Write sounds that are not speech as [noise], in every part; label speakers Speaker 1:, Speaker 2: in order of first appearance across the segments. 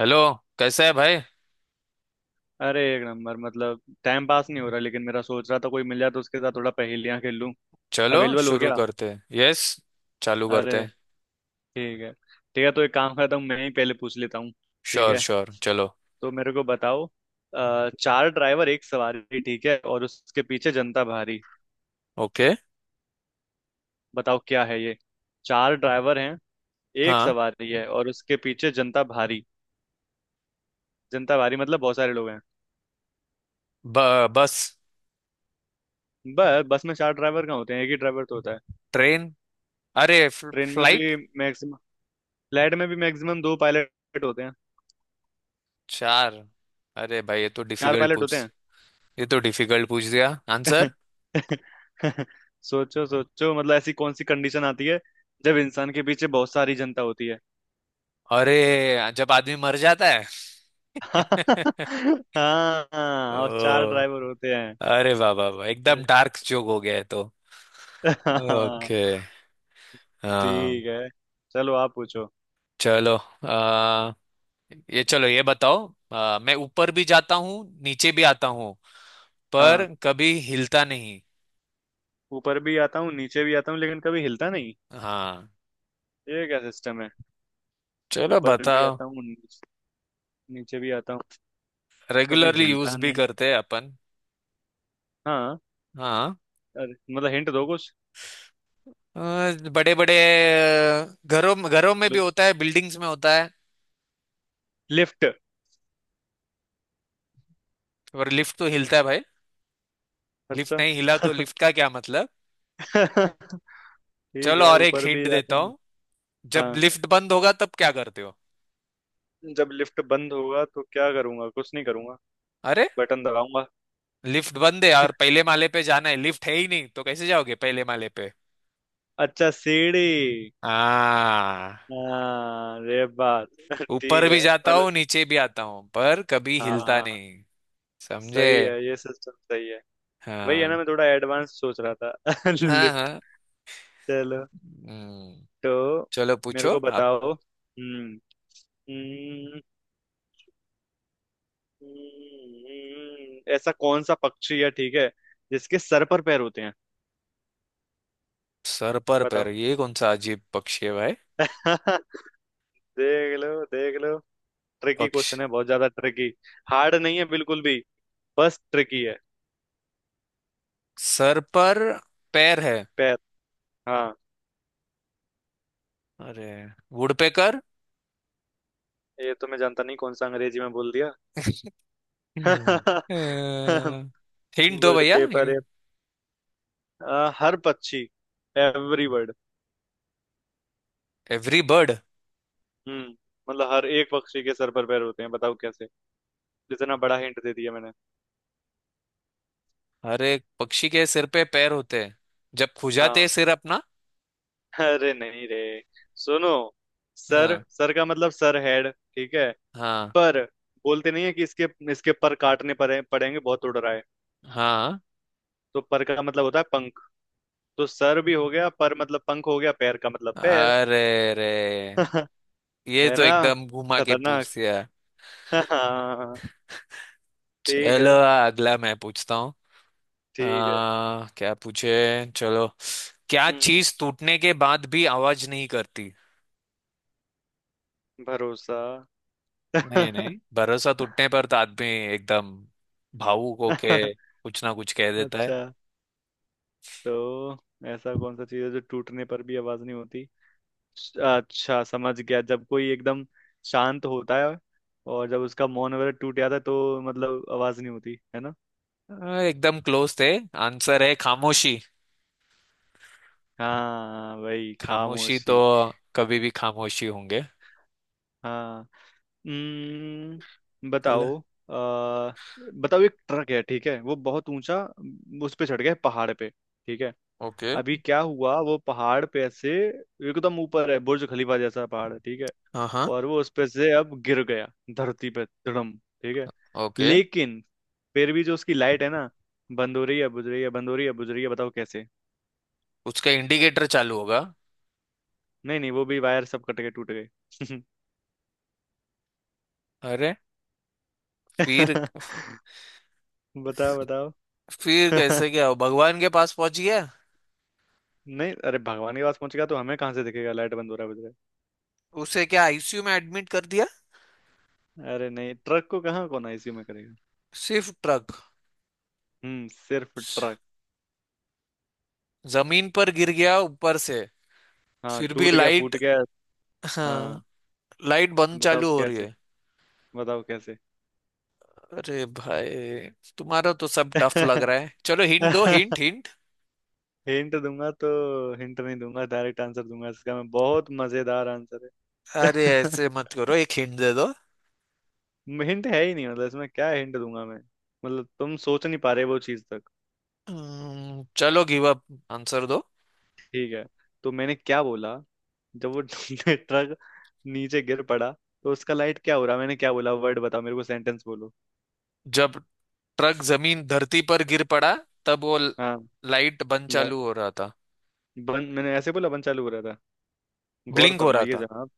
Speaker 1: Hello. कैसा है भाई?
Speaker 2: अरे, एक नंबर। मतलब टाइम पास नहीं हो रहा, लेकिन मेरा सोच रहा था कोई मिल जाए तो उसके साथ थोड़ा पहेलियां खेल लूं।
Speaker 1: चलो
Speaker 2: अवेलेबल हो
Speaker 1: शुरू
Speaker 2: गया।
Speaker 1: करते हैं। यस, चालू करते
Speaker 2: अरे,
Speaker 1: हैं।
Speaker 2: ठीक है। ठीक है, तो एक काम करता हूँ, मैं ही पहले पूछ लेता हूँ। ठीक
Speaker 1: श्योर
Speaker 2: है,
Speaker 1: श्योर, चलो।
Speaker 2: तो मेरे को बताओ। चार ड्राइवर, एक सवारी, ठीक है, और उसके पीछे जनता भारी।
Speaker 1: ओके।
Speaker 2: बताओ क्या है ये। चार ड्राइवर हैं। एक
Speaker 1: हाँ।
Speaker 2: सवारी है और उसके पीछे जनता भारी। जनता भारी मतलब बहुत सारे लोग हैं।
Speaker 1: बस।
Speaker 2: बस, बस में चार ड्राइवर कहाँ होते हैं? एक ही ड्राइवर तो होता है।
Speaker 1: ट्रेन। अरे, फ्ल-
Speaker 2: ट्रेन में
Speaker 1: फ्लाइट
Speaker 2: भी मैक्सिमम, फ्लाइट में भी मैक्सिमम दो पायलट होते हैं।
Speaker 1: चार। अरे भाई,
Speaker 2: चार पायलट होते
Speaker 1: ये तो डिफिकल्ट पूछ दिया। आंसर।
Speaker 2: हैं। [laughs] सोचो सोचो, मतलब ऐसी कौन सी कंडीशन आती है जब इंसान के पीछे बहुत सारी जनता होती है।
Speaker 1: अरे, जब आदमी मर जाता है।
Speaker 2: [laughs]
Speaker 1: [laughs]
Speaker 2: हाँ,
Speaker 1: ओ,
Speaker 2: हाँ, और चार ड्राइवर होते हैं।
Speaker 1: अरे वाह वाह वाह, एकदम डार्क जोक हो गया है तो।
Speaker 2: [laughs] हाँ,
Speaker 1: ओके। हाँ।
Speaker 2: ठीक है, चलो आप पूछो।
Speaker 1: चलो, ये चलो, ये बताओ। मैं ऊपर भी जाता हूँ, नीचे भी आता हूँ, पर
Speaker 2: हाँ,
Speaker 1: कभी हिलता नहीं।
Speaker 2: ऊपर भी आता हूँ, नीचे भी आता हूँ, लेकिन कभी हिलता नहीं।
Speaker 1: हाँ।
Speaker 2: ये क्या सिस्टम है?
Speaker 1: चलो
Speaker 2: ऊपर भी
Speaker 1: बताओ।
Speaker 2: आता हूँ, नीचे नीचे भी आता हूँ, कभी
Speaker 1: रेगुलरली यूज
Speaker 2: हिलता
Speaker 1: भी
Speaker 2: नहीं।
Speaker 1: करते हैं अपन।
Speaker 2: हाँ,
Speaker 1: हाँ।
Speaker 2: अरे मतलब हिंट दो कुछ।
Speaker 1: बड़े बड़े घरों घरों में भी होता है, बिल्डिंग्स में होता है।
Speaker 2: लिफ्ट।
Speaker 1: और लिफ्ट तो हिलता है भाई। लिफ्ट
Speaker 2: अच्छा।
Speaker 1: नहीं हिला तो लिफ्ट का क्या मतलब?
Speaker 2: [laughs] ठीक
Speaker 1: चलो,
Speaker 2: है,
Speaker 1: और एक
Speaker 2: ऊपर भी
Speaker 1: हिंट
Speaker 2: जाते
Speaker 1: देता
Speaker 2: हैं।
Speaker 1: हूँ। जब
Speaker 2: हाँ,
Speaker 1: लिफ्ट बंद होगा तब क्या करते हो?
Speaker 2: जब लिफ्ट बंद होगा तो क्या करूंगा? कुछ नहीं करूंगा,
Speaker 1: अरे,
Speaker 2: बटन दबाऊंगा।
Speaker 1: लिफ्ट बंद है और पहले माले पे जाना है, लिफ्ट है ही नहीं तो कैसे जाओगे पहले माले पे?
Speaker 2: अच्छा, सीढ़ी।
Speaker 1: हाँ।
Speaker 2: हाँ, ये बात। [laughs] ठीक
Speaker 1: ऊपर भी
Speaker 2: है,
Speaker 1: जाता
Speaker 2: मतलब।
Speaker 1: हूँ नीचे भी आता हूँ, पर कभी हिलता
Speaker 2: हाँ,
Speaker 1: नहीं। समझे?
Speaker 2: सही है, ये सिस्टम सही है। वही है ना,
Speaker 1: हाँ।
Speaker 2: मैं थोड़ा एडवांस सोच रहा था। [laughs]
Speaker 1: हाँ
Speaker 2: लिफ्ट।
Speaker 1: हाँ।
Speaker 2: चलो।
Speaker 1: हम्म,
Speaker 2: तो
Speaker 1: चलो
Speaker 2: मेरे
Speaker 1: पूछो
Speaker 2: को
Speaker 1: आप।
Speaker 2: बताओ। हम्म, ऐसा कौन सा पक्षी है, ठीक है, जिसके सर पर पैर होते हैं?
Speaker 1: सर पर पैर,
Speaker 2: बताओ।
Speaker 1: ये कौन सा अजीब पक्षी है भाई?
Speaker 2: [laughs] देख लो, देख लो। ट्रिकी
Speaker 1: पक्ष
Speaker 2: क्वेश्चन है, बहुत ज्यादा ट्रिकी। हार्ड नहीं है बिल्कुल भी, बस ट्रिकी है।
Speaker 1: सर पर पैर है।
Speaker 2: पैर। हाँ।
Speaker 1: अरे, वुडपेकर।
Speaker 2: ये तो मैं जानता नहीं, कौन सा अंग्रेजी में बोल दिया।
Speaker 1: हम्म,
Speaker 2: [laughs]
Speaker 1: हिंट दो
Speaker 2: वर्ड
Speaker 1: भैया
Speaker 2: पेपर है।
Speaker 1: हिंट।
Speaker 2: हर पक्षी, एवरी वर्ड।
Speaker 1: Every bird.
Speaker 2: हम्म मतलब हर एक पक्षी के सर पर पैर होते हैं, बताओ कैसे? इतना बड़ा हिंट दे दिया मैंने।
Speaker 1: हर एक पक्षी के सिर पे पैर होते हैं, जब खुजाते हैं
Speaker 2: हाँ,
Speaker 1: सिर अपना।
Speaker 2: अरे नहीं रे, सुनो। सर,
Speaker 1: हाँ।
Speaker 2: सर का मतलब सर, हेड, ठीक है।
Speaker 1: हाँ
Speaker 2: पर, बोलते नहीं है कि इसके इसके पर काटने पड़ेंगे, बहुत उड़ रहा है।
Speaker 1: हाँ।
Speaker 2: तो पर का मतलब होता है। तो सर भी हो गया, पर मतलब पंख हो गया, पैर का मतलब पैर।
Speaker 1: अरे रे,
Speaker 2: [laughs]
Speaker 1: ये
Speaker 2: है
Speaker 1: तो
Speaker 2: ना?
Speaker 1: एकदम घुमा के
Speaker 2: खतरनाक।
Speaker 1: पूछ दिया।
Speaker 2: [laughs] हाँ, ठीक
Speaker 1: चलो,
Speaker 2: है।
Speaker 1: अगला मैं पूछता हूँ।
Speaker 2: ठीक है।
Speaker 1: क्या पूछे। चलो, क्या
Speaker 2: हम्म
Speaker 1: चीज टूटने के बाद भी आवाज नहीं करती?
Speaker 2: भरोसा।
Speaker 1: नहीं
Speaker 2: [laughs]
Speaker 1: नहीं, भरोसा टूटने पर तो आदमी एकदम भावुक
Speaker 2: अच्छा,
Speaker 1: होके कुछ ना कुछ कह देता है।
Speaker 2: तो ऐसा कौन सा चीज है जो टूटने पर भी आवाज नहीं होती? अच्छा समझ गया, जब कोई एकदम शांत होता है और जब उसका मौन वगैरह टूट जाता है तो मतलब आवाज नहीं होती है ना।
Speaker 1: एकदम क्लोज थे। आंसर है खामोशी।
Speaker 2: हाँ, वही
Speaker 1: खामोशी तो
Speaker 2: खामोशी।
Speaker 1: कभी भी खामोशी होंगे।
Speaker 2: हाँ।
Speaker 1: चलो।
Speaker 2: बताओ। आ, बताओ, एक ट्रक है, ठीक है, वो बहुत ऊंचा। उस पे चढ़ गया है, पहाड़ पे, ठीक है।
Speaker 1: ओके।
Speaker 2: अभी क्या हुआ, वो पहाड़ पे से एकदम ऊपर है, बुर्ज खलीफा जैसा पहाड़ है, ठीक है।
Speaker 1: हाँ हाँ।
Speaker 2: और वो उस पे से अब गिर गया, धरती पे धड़म, ठीक है।
Speaker 1: ओके।
Speaker 2: लेकिन फिर भी जो उसकी लाइट है ना, बंद हो रही है, बुझ रही है, बंद हो रही है, बुझ रही है, बताओ कैसे?
Speaker 1: उसका इंडिकेटर चालू होगा।
Speaker 2: नहीं नहीं, वो भी वायर सब कट के टूट गए।
Speaker 1: अरे। फिर
Speaker 2: [laughs] बताओ, बताओ।
Speaker 1: फिर कैसे
Speaker 2: [laughs]
Speaker 1: क्या हो? भगवान के पास पहुंच गया।
Speaker 2: नहीं, अरे भगवान के पास पहुंच गया तो हमें कहाँ से दिखेगा लाइट बंद हो रहा है बुझ रहा
Speaker 1: उसे क्या आईसीयू में एडमिट कर दिया?
Speaker 2: है। अरे नहीं, ट्रक को कहाँ, कौन आईसीयू में करेगा।
Speaker 1: सिर्फ ट्रक।
Speaker 2: हम्म, सिर्फ ट्रक।
Speaker 1: जमीन पर गिर गया ऊपर से।
Speaker 2: हाँ,
Speaker 1: फिर भी
Speaker 2: टूट गया,
Speaker 1: लाइट।
Speaker 2: फूट गया।
Speaker 1: हाँ।
Speaker 2: हाँ,
Speaker 1: लाइट बंद
Speaker 2: बताओ
Speaker 1: चालू हो रही
Speaker 2: कैसे,
Speaker 1: है।
Speaker 2: बताओ कैसे।
Speaker 1: अरे भाई, तुम्हारा तो सब टफ लग रहा है। चलो हिंट दो, हिंट
Speaker 2: [laughs]
Speaker 1: हिंट।
Speaker 2: हिंट दूंगा तो, हिंट नहीं दूंगा, डायरेक्ट आंसर दूंगा इसका, मैं, बहुत मजेदार आंसर
Speaker 1: अरे
Speaker 2: है।
Speaker 1: ऐसे
Speaker 2: [laughs]
Speaker 1: मत करो, एक हिंट दे दो।
Speaker 2: हिंट है ही नहीं, मतलब इसमें क्या हिंट दूंगा मैं। मतलब तुम सोच नहीं पा रहे वो चीज तक।
Speaker 1: चलो गिव अप। आंसर दो।
Speaker 2: ठीक है, तो मैंने क्या बोला। जब वो [laughs] ट्रक नीचे गिर पड़ा, तो उसका लाइट क्या हो रहा, मैंने क्या बोला वर्ड, बताओ मेरे को, सेंटेंस बोलो।
Speaker 1: जब ट्रक जमीन धरती पर गिर पड़ा, तब वो
Speaker 2: हाँ।
Speaker 1: लाइट बंद
Speaker 2: ला-
Speaker 1: चालू हो रहा था।
Speaker 2: बंद, मैंने ऐसे बोला, बंद चालू हो रहा था। गौर
Speaker 1: ब्लिंक हो रहा
Speaker 2: फरमाइए
Speaker 1: था।
Speaker 2: जनाब।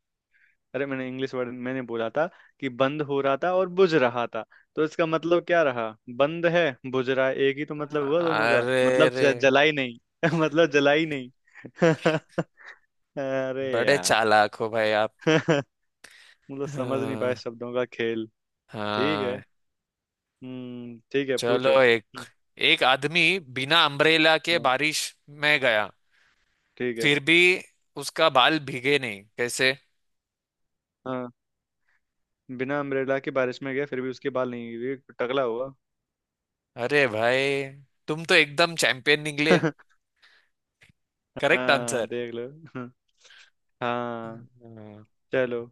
Speaker 2: अरे, मैंने इंग्लिश वर्ड मैंने बोला था, कि बंद हो रहा था और बुझ रहा था। तो इसका मतलब क्या रहा? बंद है, बुझ रहा है, एक ही तो मतलब हुआ दोनों का,
Speaker 1: अरे
Speaker 2: मतलब
Speaker 1: रे।
Speaker 2: जला ही नहीं। [laughs] मतलब जला ही नहीं। [laughs] अरे
Speaker 1: बड़े
Speaker 2: यार।
Speaker 1: चालाक हो भाई आप।
Speaker 2: [laughs] मतलब समझ नहीं पाए
Speaker 1: हाँ
Speaker 2: शब्दों का खेल। ठीक है।
Speaker 1: हाँ।
Speaker 2: हम्म, ठीक है, पूछो।
Speaker 1: चलो, एक एक आदमी बिना अम्ब्रेला के
Speaker 2: हाँ,
Speaker 1: बारिश में गया,
Speaker 2: ठीक है।
Speaker 1: फिर भी उसका बाल भीगे नहीं, कैसे?
Speaker 2: हाँ, बिना अम्ब्रेला के बारिश में गया, फिर भी उसके बाल नहीं गिरे, टकला हुआ।
Speaker 1: अरे भाई, तुम तो एकदम चैंपियन निकले।
Speaker 2: [laughs]
Speaker 1: Correct answer.
Speaker 2: हाँ, देख लो। हाँ। हाँ,
Speaker 1: हम्म,
Speaker 2: चलो।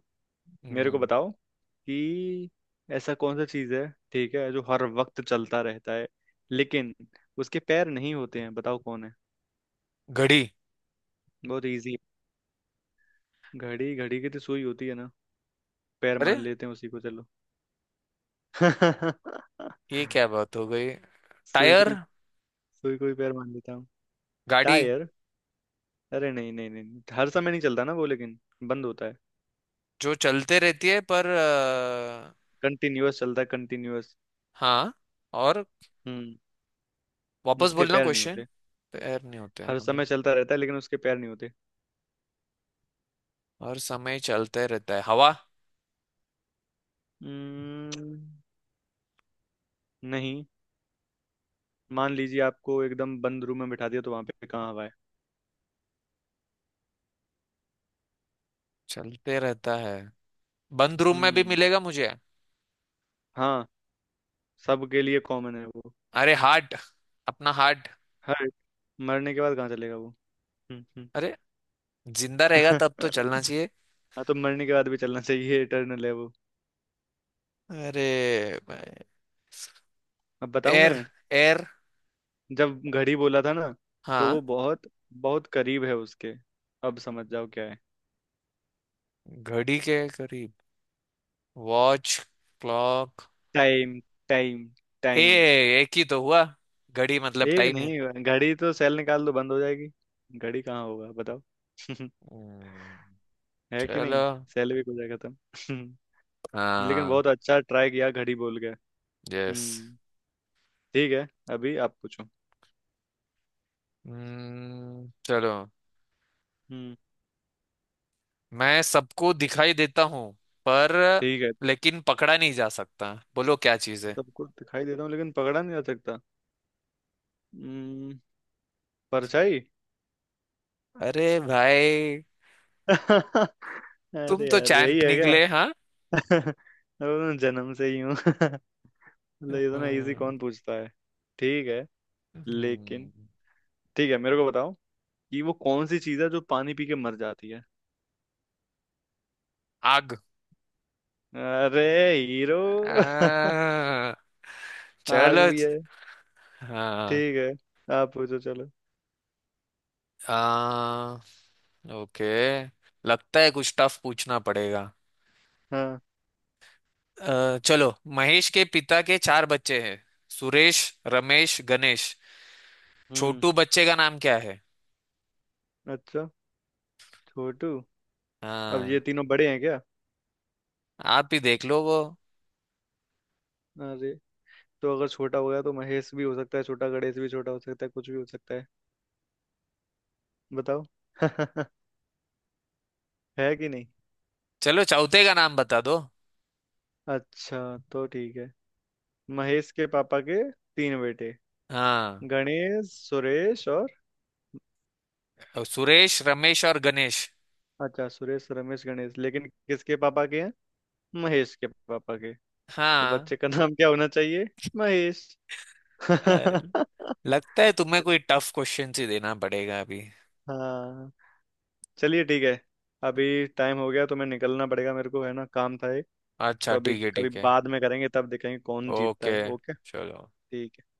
Speaker 2: मेरे को
Speaker 1: हम्म,
Speaker 2: बताओ कि ऐसा कौन सा चीज है, ठीक है, जो हर वक्त चलता रहता है, लेकिन उसके पैर नहीं होते हैं, बताओ कौन है?
Speaker 1: घड़ी।
Speaker 2: बहुत इजी। घड़ी? घड़ी की तो सुई होती है ना, पैर
Speaker 1: अरे,
Speaker 2: मान लेते हैं उसी को, चलो। [laughs]
Speaker 1: ये क्या बात हो गई?
Speaker 2: सुई को
Speaker 1: टायर।
Speaker 2: ही सुई को ही पैर मान लेता हूँ।
Speaker 1: गाड़ी।
Speaker 2: टायर? अरे नहीं नहीं नहीं, हर समय नहीं चलता ना वो, लेकिन बंद होता है।
Speaker 1: जो चलते रहती है, पर
Speaker 2: कंटिन्यूअस चलता है, कंटिन्यूअस।
Speaker 1: हाँ। और
Speaker 2: हम्म,
Speaker 1: वापस
Speaker 2: उसके
Speaker 1: बोलना
Speaker 2: पैर नहीं
Speaker 1: क्वेश्चन।
Speaker 2: होते।
Speaker 1: पैर नहीं होते
Speaker 2: हर
Speaker 1: हमें।
Speaker 2: समय चलता रहता है लेकिन उसके पैर नहीं होते।
Speaker 1: और समय चलते रहता है। हवा
Speaker 2: हम्म, नहीं, मान लीजिए आपको एकदम बंद रूम में बिठा दिया तो वहां पे कहाँ हवा है।
Speaker 1: चलते रहता है। बंद रूम में भी
Speaker 2: हम्म,
Speaker 1: मिलेगा मुझे।
Speaker 2: हाँ, सबके लिए कॉमन है वो।
Speaker 1: अरे हार्ट। अपना हार्ट।
Speaker 2: हर मरने के बाद कहाँ चलेगा वो। हम्म, हम्म।
Speaker 1: अरे, जिंदा रहेगा तब तो चलना
Speaker 2: [laughs]
Speaker 1: चाहिए।
Speaker 2: हाँ, तो मरने के बाद भी चलना चाहिए, इटर्नल है वो।
Speaker 1: अरे,
Speaker 2: अब बताऊं
Speaker 1: एयर
Speaker 2: मैं?
Speaker 1: एयर।
Speaker 2: जब घड़ी बोला था ना, तो
Speaker 1: हाँ।
Speaker 2: वो बहुत बहुत करीब है उसके। अब समझ जाओ क्या है।
Speaker 1: घड़ी के करीब। Watch. Clock.
Speaker 2: Time, time,
Speaker 1: a,
Speaker 2: time.
Speaker 1: एक ही तो हुआ, घड़ी मतलब
Speaker 2: एक
Speaker 1: टाइम है।
Speaker 2: नहीं, घड़ी तो सेल निकाल दो बंद हो जाएगी। घड़ी कहाँ होगा, बताओ। [laughs]
Speaker 1: हम्म,
Speaker 2: है कि
Speaker 1: चलो।
Speaker 2: नहीं? सेल भी हो जाएगा खत्म। [laughs] लेकिन
Speaker 1: हाँ।
Speaker 2: बहुत अच्छा ट्राई किया, घड़ी बोल के।
Speaker 1: यस।
Speaker 2: हम्म, ठीक है, अभी आप पूछो।
Speaker 1: चलो।
Speaker 2: हम्म,
Speaker 1: मैं सबको दिखाई देता हूँ, पर,
Speaker 2: ठीक है।
Speaker 1: लेकिन पकड़ा नहीं जा सकता, बोलो क्या चीज है?
Speaker 2: सब कुछ दिखाई देता हूँ लेकिन पकड़ा नहीं जा सकता। हम्म परछाई।
Speaker 1: अरे भाई,
Speaker 2: [laughs]
Speaker 1: तुम
Speaker 2: अरे
Speaker 1: तो
Speaker 2: यार, यही
Speaker 1: चैंप
Speaker 2: है क्या?
Speaker 1: निकले हाँ।
Speaker 2: [laughs] वो मैं जन्म से ही हूँ। [laughs] मतलब, इतना इजी
Speaker 1: हम्म,
Speaker 2: कौन पूछता है? ठीक है। लेकिन
Speaker 1: हम्म,
Speaker 2: ठीक है, मेरे को बताओ कि वो कौन सी चीज है जो पानी पी के मर जाती है?
Speaker 1: आग।
Speaker 2: अरे, हीरो। [laughs]
Speaker 1: आ,
Speaker 2: आग
Speaker 1: चलो।
Speaker 2: भी है।
Speaker 1: हाँ।
Speaker 2: ठीक है, आप पूछो, चलो।
Speaker 1: आ, ओके। लगता है कुछ टफ पूछना पड़ेगा।
Speaker 2: हाँ।
Speaker 1: चलो, महेश के पिता के चार बच्चे हैं। सुरेश, रमेश, गणेश।
Speaker 2: हम्म।
Speaker 1: छोटू बच्चे का नाम क्या है?
Speaker 2: अच्छा, छोटू। अब ये
Speaker 1: हाँ,
Speaker 2: तीनों बड़े हैं क्या?
Speaker 1: आप ही देख लो वो।
Speaker 2: अरे, तो अगर छोटा हो गया तो महेश भी हो सकता है छोटा, गणेश भी छोटा हो सकता है, कुछ भी हो सकता है। बताओ। [laughs] है कि नहीं?
Speaker 1: चलो, चौथे का नाम बता दो।
Speaker 2: अच्छा, तो ठीक है। महेश के पापा के तीन बेटे,
Speaker 1: हाँ,
Speaker 2: गणेश, सुरेश और।
Speaker 1: और सुरेश रमेश और गणेश।
Speaker 2: अच्छा, सुरेश, रमेश, गणेश, लेकिन किसके पापा के हैं? महेश के पापा के। तो
Speaker 1: हाँ।
Speaker 2: बच्चे का नाम क्या होना चाहिए? महेश। [laughs]
Speaker 1: अरे, लगता है तुम्हें कोई टफ क्वेश्चन ही देना पड़ेगा अभी।
Speaker 2: हाँ, चलिए, ठीक है। अभी टाइम हो गया तो मैं निकलना पड़ेगा मेरे को, है ना, काम था एक।
Speaker 1: अच्छा
Speaker 2: तो अभी
Speaker 1: ठीक है
Speaker 2: कभी
Speaker 1: ठीक है।
Speaker 2: बाद में करेंगे, तब देखेंगे कौन जीतता
Speaker 1: ओके।
Speaker 2: है, ओके।
Speaker 1: चलो।
Speaker 2: ठीक है, ओके।